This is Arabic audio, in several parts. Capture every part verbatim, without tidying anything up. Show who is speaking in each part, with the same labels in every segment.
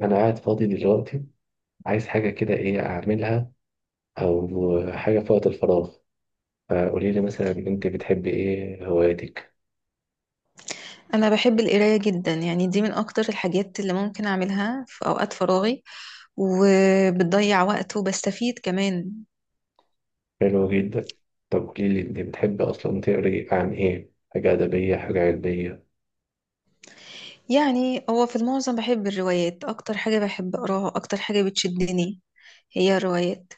Speaker 1: انا قاعد فاضي دلوقتي، عايز حاجه كده، ايه اعملها او حاجه في وقت الفراغ؟ فقولي لي مثلا، انت بتحبي ايه؟ هواياتك؟
Speaker 2: انا بحب القرايه جدا، يعني دي من اكتر الحاجات اللي ممكن اعملها في اوقات فراغي، وبتضيع وقت وبستفيد كمان.
Speaker 1: حلو جدا. طب قولي لي، انت بتحبي اصلا تقري عن ايه؟ حاجه ادبيه، حاجه علميه؟
Speaker 2: يعني هو في المعظم بحب الروايات، اكتر حاجه بحب اقراها، اكتر حاجه بتشدني هي الروايات.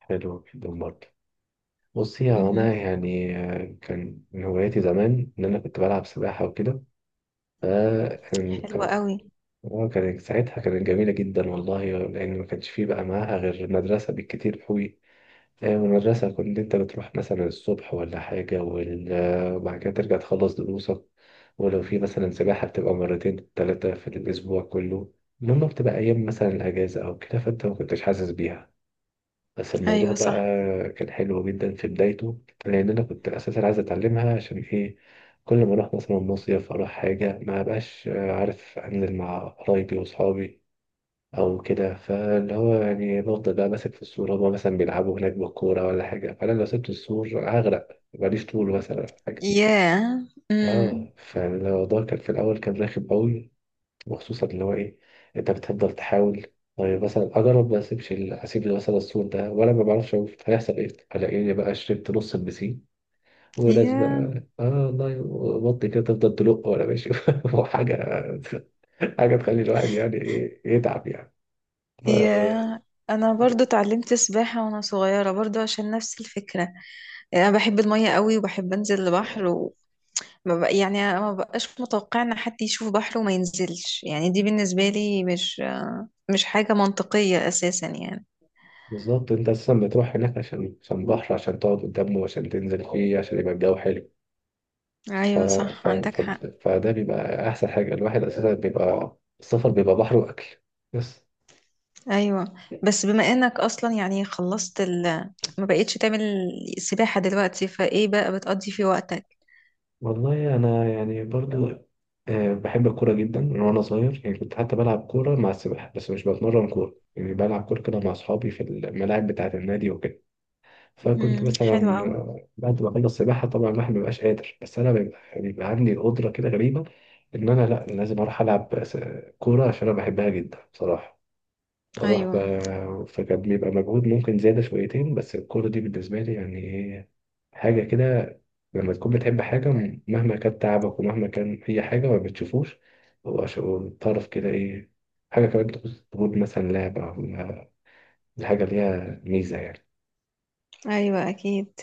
Speaker 1: حلو جدا برضه. بصي، هو
Speaker 2: امم،
Speaker 1: انا يعني آه، كان من هواياتي زمان ان انا كنت بلعب سباحه وكده. فكان
Speaker 2: حلوه
Speaker 1: كان
Speaker 2: قوي.
Speaker 1: كان- ساعتها كانت جميله جدا والله، لان ما كانش فيه بقى معاها غير مدرسه بالكتير قوي. يعني من المدرسة كنت أنت بتروح مثلا الصبح ولا حاجة، وال- آه، وبعد كده ترجع تخلص دروسك. ولو في مثلا سباحة بتبقى مرتين تلاتة في الأسبوع كله. المهم بتبقى أيام مثلا الأجازة أو كده، فأنت ما كنتش حاسس بيها. بس الموضوع
Speaker 2: ايوه
Speaker 1: بقى
Speaker 2: صح.
Speaker 1: كان حلو جدا في بدايته، لأن أنا كنت أساسا عايز أتعلمها عشان إيه. كل ما أروح مثلا مصيف، أروح حاجة ما بقاش عارف أنزل مع قرايبي وأصحابي او كده. فاللي هو يعني بفضل بقى ماسك في السور، هما مثلا بيلعبوا هناك بالكوره ولا حاجه، فانا لو سبت السور هغرق، ماليش طول مثلا ولا حاجه.
Speaker 2: ياه. امم.
Speaker 1: اه، فالموضوع كان في الاول كان رخم قوي، وخصوصا اللي هو ايه، انت بتفضل تحاول. طيب مثلا اجرب ما اسيبش ال- اسيب مثلا السور ده وانا ما بعرفش اشوف هيحصل ايه. الاقيني بقى شربت نص البسين. وناس
Speaker 2: ياه.
Speaker 1: بقى، اه والله، بطي كده تفضل تلق وانا ماشي وحاجه، حاجه تخلي الواحد يعني إيه، يتعب يعني. ف...
Speaker 2: ياه. انا برضو اتعلمت سباحة وانا صغيرة، برضو عشان نفس الفكرة. انا بحب المية قوي وبحب انزل البحر. ما بق... يعني ما بقاش متوقع ان حد يشوف بحر وما ينزلش، يعني دي بالنسبة لي مش مش حاجة منطقية اساسا يعني.
Speaker 1: بالظبط، انت اساسا بتروح هناك عشان عشان بحر، عشان تقعد قدامه، عشان تنزل فيه، عشان يبقى الجو حلو. ف...
Speaker 2: ايوه صح،
Speaker 1: ف...
Speaker 2: عندك
Speaker 1: ف...
Speaker 2: حق.
Speaker 1: فده بيبقى احسن حاجه، الواحد اساسا بيبقى السفر بيبقى بحر واكل بس.
Speaker 2: ايوه. بس بما انك اصلا يعني خلصت ال... ما بقيتش تعمل سباحة دلوقتي، فايه بقى بتقضي في وقتك؟
Speaker 1: والله انا يعني برضو آه، بحب الكوره جدا من وانا صغير، يعني كنت حتى بلعب كوره مع السباحه، بس مش بتمرن كوره يعني، بلعب كوره كده مع اصحابي في الملاعب بتاعه النادي وكده. فكنت
Speaker 2: امم، حلو
Speaker 1: مثلا
Speaker 2: قوي.
Speaker 1: آه، بعد ما اخلص سباحه طبعا الواحد ما بيبقاش قادر، بس انا بيبقى بيبقى عندي القدره كده غريبه ان انا لا لازم اروح العب س- كوره عشان انا بحبها جدا بصراحه. بروح
Speaker 2: ايوه.
Speaker 1: ب- فكان بيبقى مجهود ممكن زياده شويتين، بس الكوره دي بالنسبه لي يعني إيه، حاجه كده. لما تكون بتحب حاجه، م- مهما كان تعبك ومهما كان اي حاجه ما بتشوفوش. هو ش- هو الطرف كده ايه، حاجه كمان تخص تقول مثلا لعبه ولا- الحاجه ليها ميزه يعني.
Speaker 2: ايوه اكيد.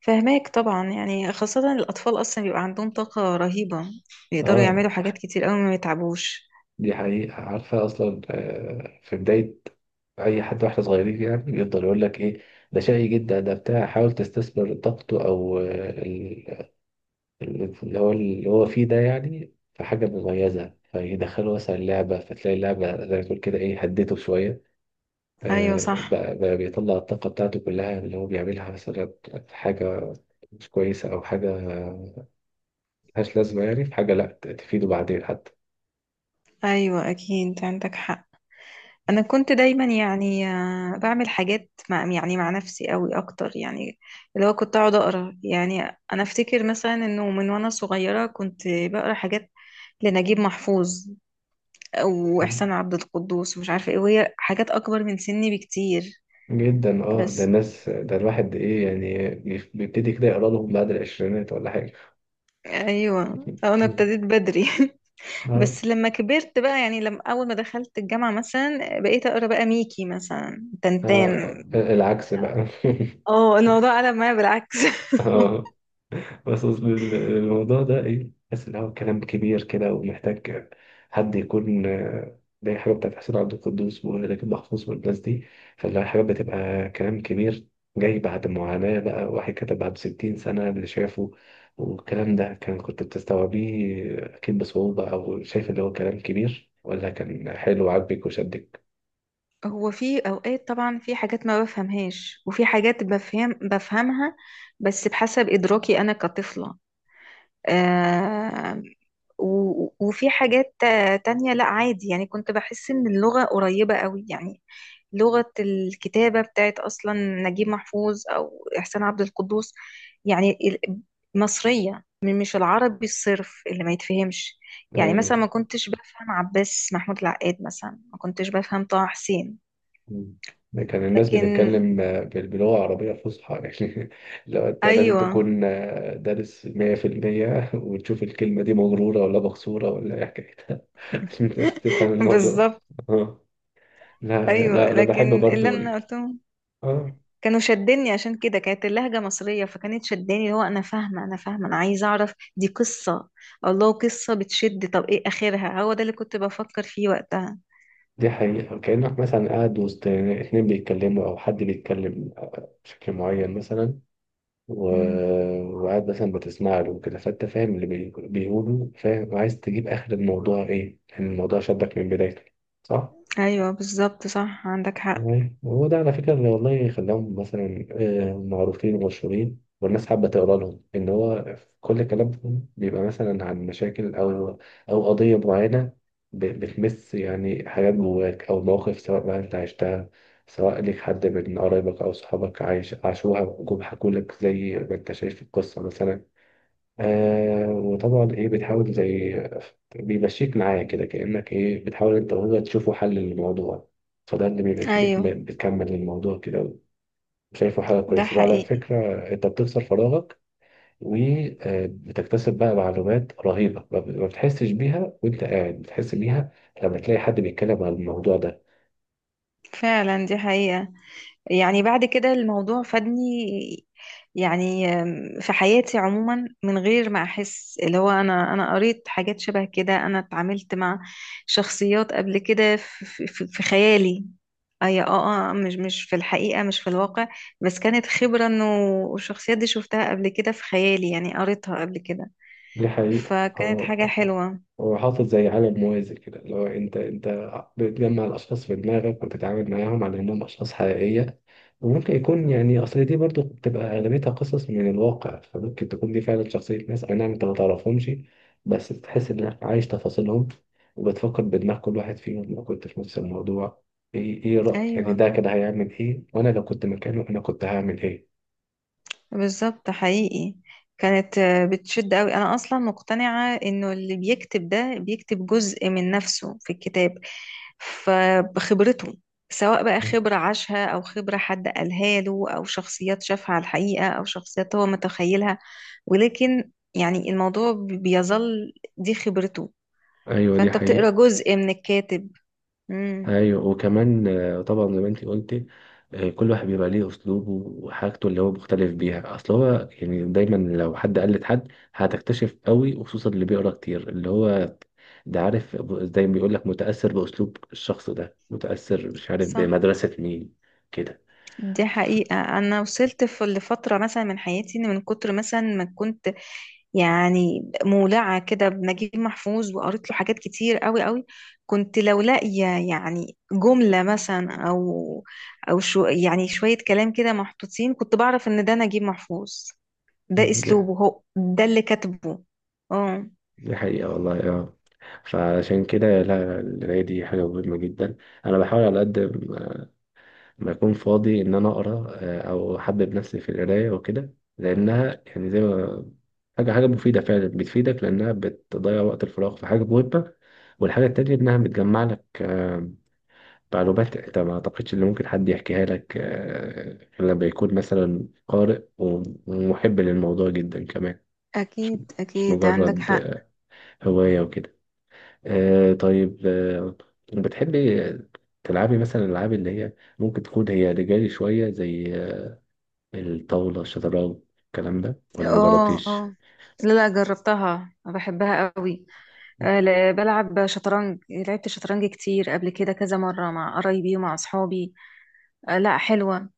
Speaker 2: فهماك طبعا، يعني خاصة الاطفال اصلا بيبقى عندهم طاقة رهيبة، بيقدروا
Speaker 1: اه،
Speaker 2: يعملوا حاجات كتير قوي ما يتعبوش.
Speaker 1: دي حقيقة. عارفة أصلا آه، في بداية أي حد واحنا صغيرين، يعني بيفضل يقول لك إيه، ده شقي جدا، ده بتاع حاول تستثمر طاقته، أو آه، ال- ال- اللي هو اللي هو فيه ده، يعني في حاجة مميزة، فيدخله مثلا لعبة، فتلاقي اللعبة زي ما تقول كده إيه هدته شوية.
Speaker 2: ايوه
Speaker 1: آه،
Speaker 2: صح.
Speaker 1: بقى, بقى بيطلع الطاقة بتاعته كلها اللي هو بيعملها مثلا في حاجة مش كويسة أو حاجة ملهاش لازمة يعني، في حاجة لأ، تفيده بعدين
Speaker 2: ايوه اكيد، عندك حق.
Speaker 1: حتى.
Speaker 2: انا كنت دايما يعني آه، بعمل حاجات مع يعني مع نفسي قوي اكتر، يعني اللي هو كنت اقعد اقرا، يعني انا افتكر مثلا انه من وانا صغيره كنت بقرا حاجات لنجيب محفوظ او احسان عبد القدوس ومش عارفه ايه، وهي حاجات اكبر من سني بكتير.
Speaker 1: جدا اه، ده
Speaker 2: بس
Speaker 1: الناس، ده الواحد ايه يعني بيبتدي كده يقرا لهم بعد العشرينات ولا حاجة.
Speaker 2: ايوه، انا ابتديت بدري
Speaker 1: آه.
Speaker 2: بس لما كبرت بقى، يعني لما اول ما دخلت الجامعه مثلا بقيت اقرا بقى ميكي مثلا
Speaker 1: آه.
Speaker 2: تنتان.
Speaker 1: العكس بقى
Speaker 2: اه، الموضوع قلب معايا بالعكس
Speaker 1: آه. بس أصل ال- الموضوع ده ايه، بحس ان هو كلام كبير كده ومحتاج حد يكون آه، زي حاجه بتاعت حسين عبد القدوس ولكن محفوظ والناس دي. فاللي هي حاجه بتبقى كلام كبير، جاي بعد معاناه بقى، واحد كتبها بستين سنه اللي شافه. والكلام ده كان كنت بتستوعبيه اكيد بصعوبه، او شايف اللي هو كلام كبير، ولا كان حلو وعاجبك وشدك؟
Speaker 2: هو في اوقات طبعا في حاجات ما بفهمهاش، وفي حاجات بفهم بفهمها، بس بحسب ادراكي انا كطفلة. آه و- وفي حاجات تا- تانية، لا عادي، يعني كنت بحس ان اللغة قريبة قوي، يعني لغة الكتابة بتاعت اصلا نجيب محفوظ او احسان عبد القدوس، يعني ال- مصرية، م- مش العربي الصرف اللي ما يتفهمش. يعني
Speaker 1: ايوه.
Speaker 2: مثلا ما كنتش بفهم عباس محمود العقاد، مثلا ما كنتش بفهم طه حسين.
Speaker 1: مم. كان الناس
Speaker 2: لكن
Speaker 1: بتتكلم آه، بال- بلغة عربية فصحى يعني، لو أنت لازم
Speaker 2: ايوه
Speaker 1: تكون آه، دارس مية في المية وتشوف الكلمة دي مغرورة ولا مكسورة ولا إيه حكايتها عشان تفهم الموضوع.
Speaker 2: بالظبط.
Speaker 1: آه. لا
Speaker 2: ايوه،
Speaker 1: لا، أنا بحب
Speaker 2: لكن اللي
Speaker 1: برضو
Speaker 2: انا
Speaker 1: ال-
Speaker 2: قلتهم
Speaker 1: آه،
Speaker 2: كانوا شدني، عشان كده كانت اللهجه مصريه، فكانت شداني، اللي هو انا فاهمه، انا فاهمه، انا عايزه اعرف دي قصه، الله قصه بتشد، طب ايه اخرها؟ هو ده اللي كنت بفكر فيه وقتها.
Speaker 1: دي حقيقة. كأنك مثلا قاعد وسط اتنين بيتكلموا أو حد بيتكلم بشكل معين مثلا،
Speaker 2: مم.
Speaker 1: و- وقاعد مثلا بتسمع له وكده، فانت فاهم اللي بي- بيقوله فاهم، وعايز تجيب اخر الموضوع ايه، لان الموضوع شدك من بدايته. صح؟
Speaker 2: ايوه بالظبط، صح عندك حق.
Speaker 1: أيوة. وهو ده على فكره اللي والله خلاهم مثلا آه، معروفين ومشهورين، والناس حابه تقرا لهم، ان هو كل كلامهم بيبقى مثلا عن مشاكل او او قضيه معينه، ب- بتمس يعني حاجات جواك، او مواقف سواء بقى انت عشتها، سواء ليك حد من قرايبك او صحابك عايش عاشوها، جم حكولك زي ما انت شايف في القصه مثلا. آه، وطبعا ايه بتحاول، زي بيمشيك معاه كده، كأنك ايه بتحاول انت وهو تشوفوا حل للموضوع. فده اللي بيخليك
Speaker 2: ايوه
Speaker 1: م- بتكمل الموضوع كده، شايفه حاجة
Speaker 2: ده
Speaker 1: كويسة. وعلى
Speaker 2: حقيقي.
Speaker 1: فكرة انت بتكسر فراغك، وبتكتسب بقى معلومات رهيبة ما ب- ما بتحسش بيها وانت قاعد، بتحس بيها لما تلاقي حد بيتكلم عن الموضوع ده.
Speaker 2: فعلا دي حقيقه. يعني بعد كده الموضوع فادني، يعني آم، في حياتي عموما، من غير ما احس، اللي هو انا انا قريت حاجات شبه كده، انا اتعاملت مع شخصيات قبل كده في, في, في خيالي، اي اه اه، مش مش في الحقيقة، مش في الواقع، بس كانت خبرة انه الشخصيات دي شفتها قبل كده في خيالي، يعني قريتها قبل كده،
Speaker 1: دي حقيقة.
Speaker 2: فكانت
Speaker 1: هو
Speaker 2: حاجة
Speaker 1: هو
Speaker 2: حلوة.
Speaker 1: هو حاطط زي عالم موازي كده، اللي هو انت انت بتجمع الاشخاص في دماغك وتتعامل معاهم على انهم اشخاص حقيقية. وممكن يكون يعني، اصل دي برضو بتبقى اغلبيتها قصص من الواقع، فممكن تكون دي فعلا شخصية ناس، اي نعم انت ما تعرفهمش، بس تحس انك عايش تفاصيلهم، وبتفكر بدماغ كل واحد فيهم لو كنت في نفس الموضوع، ايه ايه رأي
Speaker 2: ايوه
Speaker 1: يعني ده كده هيعمل ايه، وانا لو كنت مكانه انا كنت هعمل ايه.
Speaker 2: بالظبط حقيقي. كانت آه، بتشد قوي. انا اصلا مقتنعة انه اللي بيكتب ده بيكتب جزء من نفسه في الكتاب، فبخبرته، سواء بقى خبرة عاشها او خبرة حد قالها له، او شخصيات شافها على الحقيقة او شخصيات هو متخيلها، ولكن يعني الموضوع بيظل دي خبرته،
Speaker 1: ايوه، دي
Speaker 2: فانت بتقرا
Speaker 1: حقيقة.
Speaker 2: جزء من الكاتب. امم
Speaker 1: ايوه، وكمان آه، طبعا زي ما انت قلتي، آه، كل واحد بيبقى ليه اسلوبه وحاجته اللي هو مختلف بيها. اصل هو يعني دايما لو حد قلد حد هتكتشف قوي، وخصوصا اللي بيقرا كتير اللي هو ده عارف، زي ما بيقول لك متأثر باسلوب الشخص ده، متأثر مش عارف
Speaker 2: صح.
Speaker 1: بمدرسة مين كده.
Speaker 2: دي
Speaker 1: ف-
Speaker 2: حقيقة، أنا وصلت في لفترة مثلا من حياتي، إن من كتر مثلا ما كنت يعني مولعة كده بنجيب محفوظ وقريت له حاجات كتير قوي قوي، كنت لو لاقية يعني جملة مثلا أو أو شو يعني شوية كلام كده محطوطين، كنت بعرف إن ده نجيب محفوظ، ده
Speaker 1: ده-
Speaker 2: أسلوبه، هو ده اللي كاتبه. اه،
Speaker 1: دي حقيقة والله، اه. فعشان كده لا، القراية دي حاجة مهمة جدا. أنا بحاول على قد ما اكون فاضي ان انا اقرا آه، او احبب نفسي في القرايه وكده، لانها يعني زي ما حاجه، حاجه مفيده فعلا، بتفيدك لانها بتضيع وقت الفراغ في حاجه مهمه. والحاجه التانيه انها بتجمع لك آه، معلومات انت ما اعتقدش ان ممكن حد يحكيها لك آه، غير لما يكون مثلا قارئ ومحب للموضوع جدا كمان. مش
Speaker 2: اكيد
Speaker 1: مش
Speaker 2: اكيد، عندك
Speaker 1: مجرد
Speaker 2: حق.
Speaker 1: آه، هوايه وكده. آه، طيب، آه، بتحبي تلعبي مثلا الالعاب اللي هي ممكن تكون هي رجالي شوية، زي الطاولة، الشطرنج، الكلام ده، ولا
Speaker 2: اه
Speaker 1: مجربتيش؟
Speaker 2: اه، لا لا، جربتها بحبها قوي. آه، لا، بلعب شطرنج، لعبت شطرنج كتير قبل كده كذا مرة مع قرايبي ومع أصحابي. آه، لا حلوة،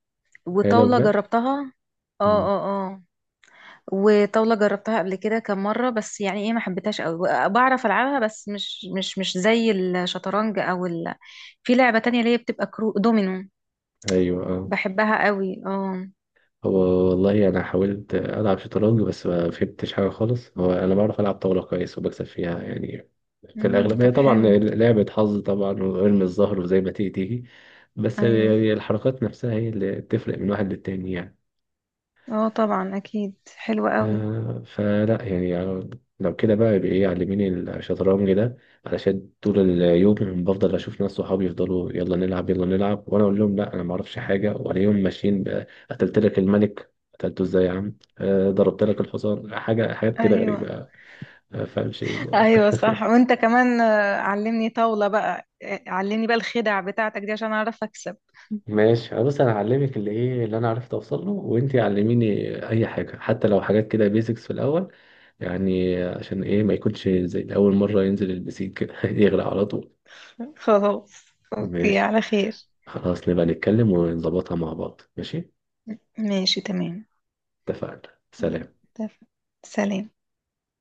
Speaker 1: هي لو
Speaker 2: وطاولة
Speaker 1: بجد؟
Speaker 2: جربتها. اه
Speaker 1: مم.
Speaker 2: اه اه، وطاولة جربتها قبل كده كم مرة، بس يعني ايه، ما حبيتهاش قوي، بعرف العبها بس مش مش مش زي الشطرنج او ال... في لعبة تانية اللي هي بتبقى كرو دومينو،
Speaker 1: أيوة أه.
Speaker 2: بحبها قوي اه.
Speaker 1: هو والله أنا حاولت ألعب شطرنج بس ما فهمتش حاجة خالص. هو أنا بعرف ألعب طاولة كويس، وبكسب فيها يعني في
Speaker 2: امم
Speaker 1: الأغلبية.
Speaker 2: طب
Speaker 1: طبعا
Speaker 2: حلو.
Speaker 1: لعبة حظ طبعا، وارمي الظهر وزي ما تيجي تيجي، بس
Speaker 2: ايوه
Speaker 1: يعني الحركات نفسها هي اللي بتفرق من واحد للتاني يعني.
Speaker 2: اه طبعا، اكيد حلوة قوي.
Speaker 1: آه، فلا يعني يعني لو كده بقى يبقى ايه، علميني الشطرنج ده، علشان طول اليوم بفضل اشوف ناس صحابي يفضلوا يلا نلعب يلا نلعب، وانا اقول لهم لا انا ما اعرفش حاجه، والاقيهم ماشيين بقى، قتلت لك الملك، قتلته ازاي يا عم؟ آه، ضربت لك الحصان، حاجه، حاجات كده
Speaker 2: ايوه.
Speaker 1: غريبه ما فاهمش ايه ده.
Speaker 2: ايوه صح، وانت كمان آه، علمني طاولة بقى، آه، علمني بقى الخدع بتاعتك دي عشان اعرف اكسب.
Speaker 1: ماشي. أه، بس انا هعلمك اللي ايه اللي انا عرفت اوصل له، وانتي علميني اي حاجه حتى لو حاجات كده بيزكس في الاول، يعني عشان ايه ما يكونش زي اول مره ينزل البسيك كده يغرق على طول.
Speaker 2: خلاص. اوكي
Speaker 1: ماشي.
Speaker 2: على خير.
Speaker 1: خلاص، نبقى نتكلم ونظبطها مع بعض. ماشي.
Speaker 2: ماشي تمام.
Speaker 1: اتفقنا، سلام.
Speaker 2: اتفق. سلام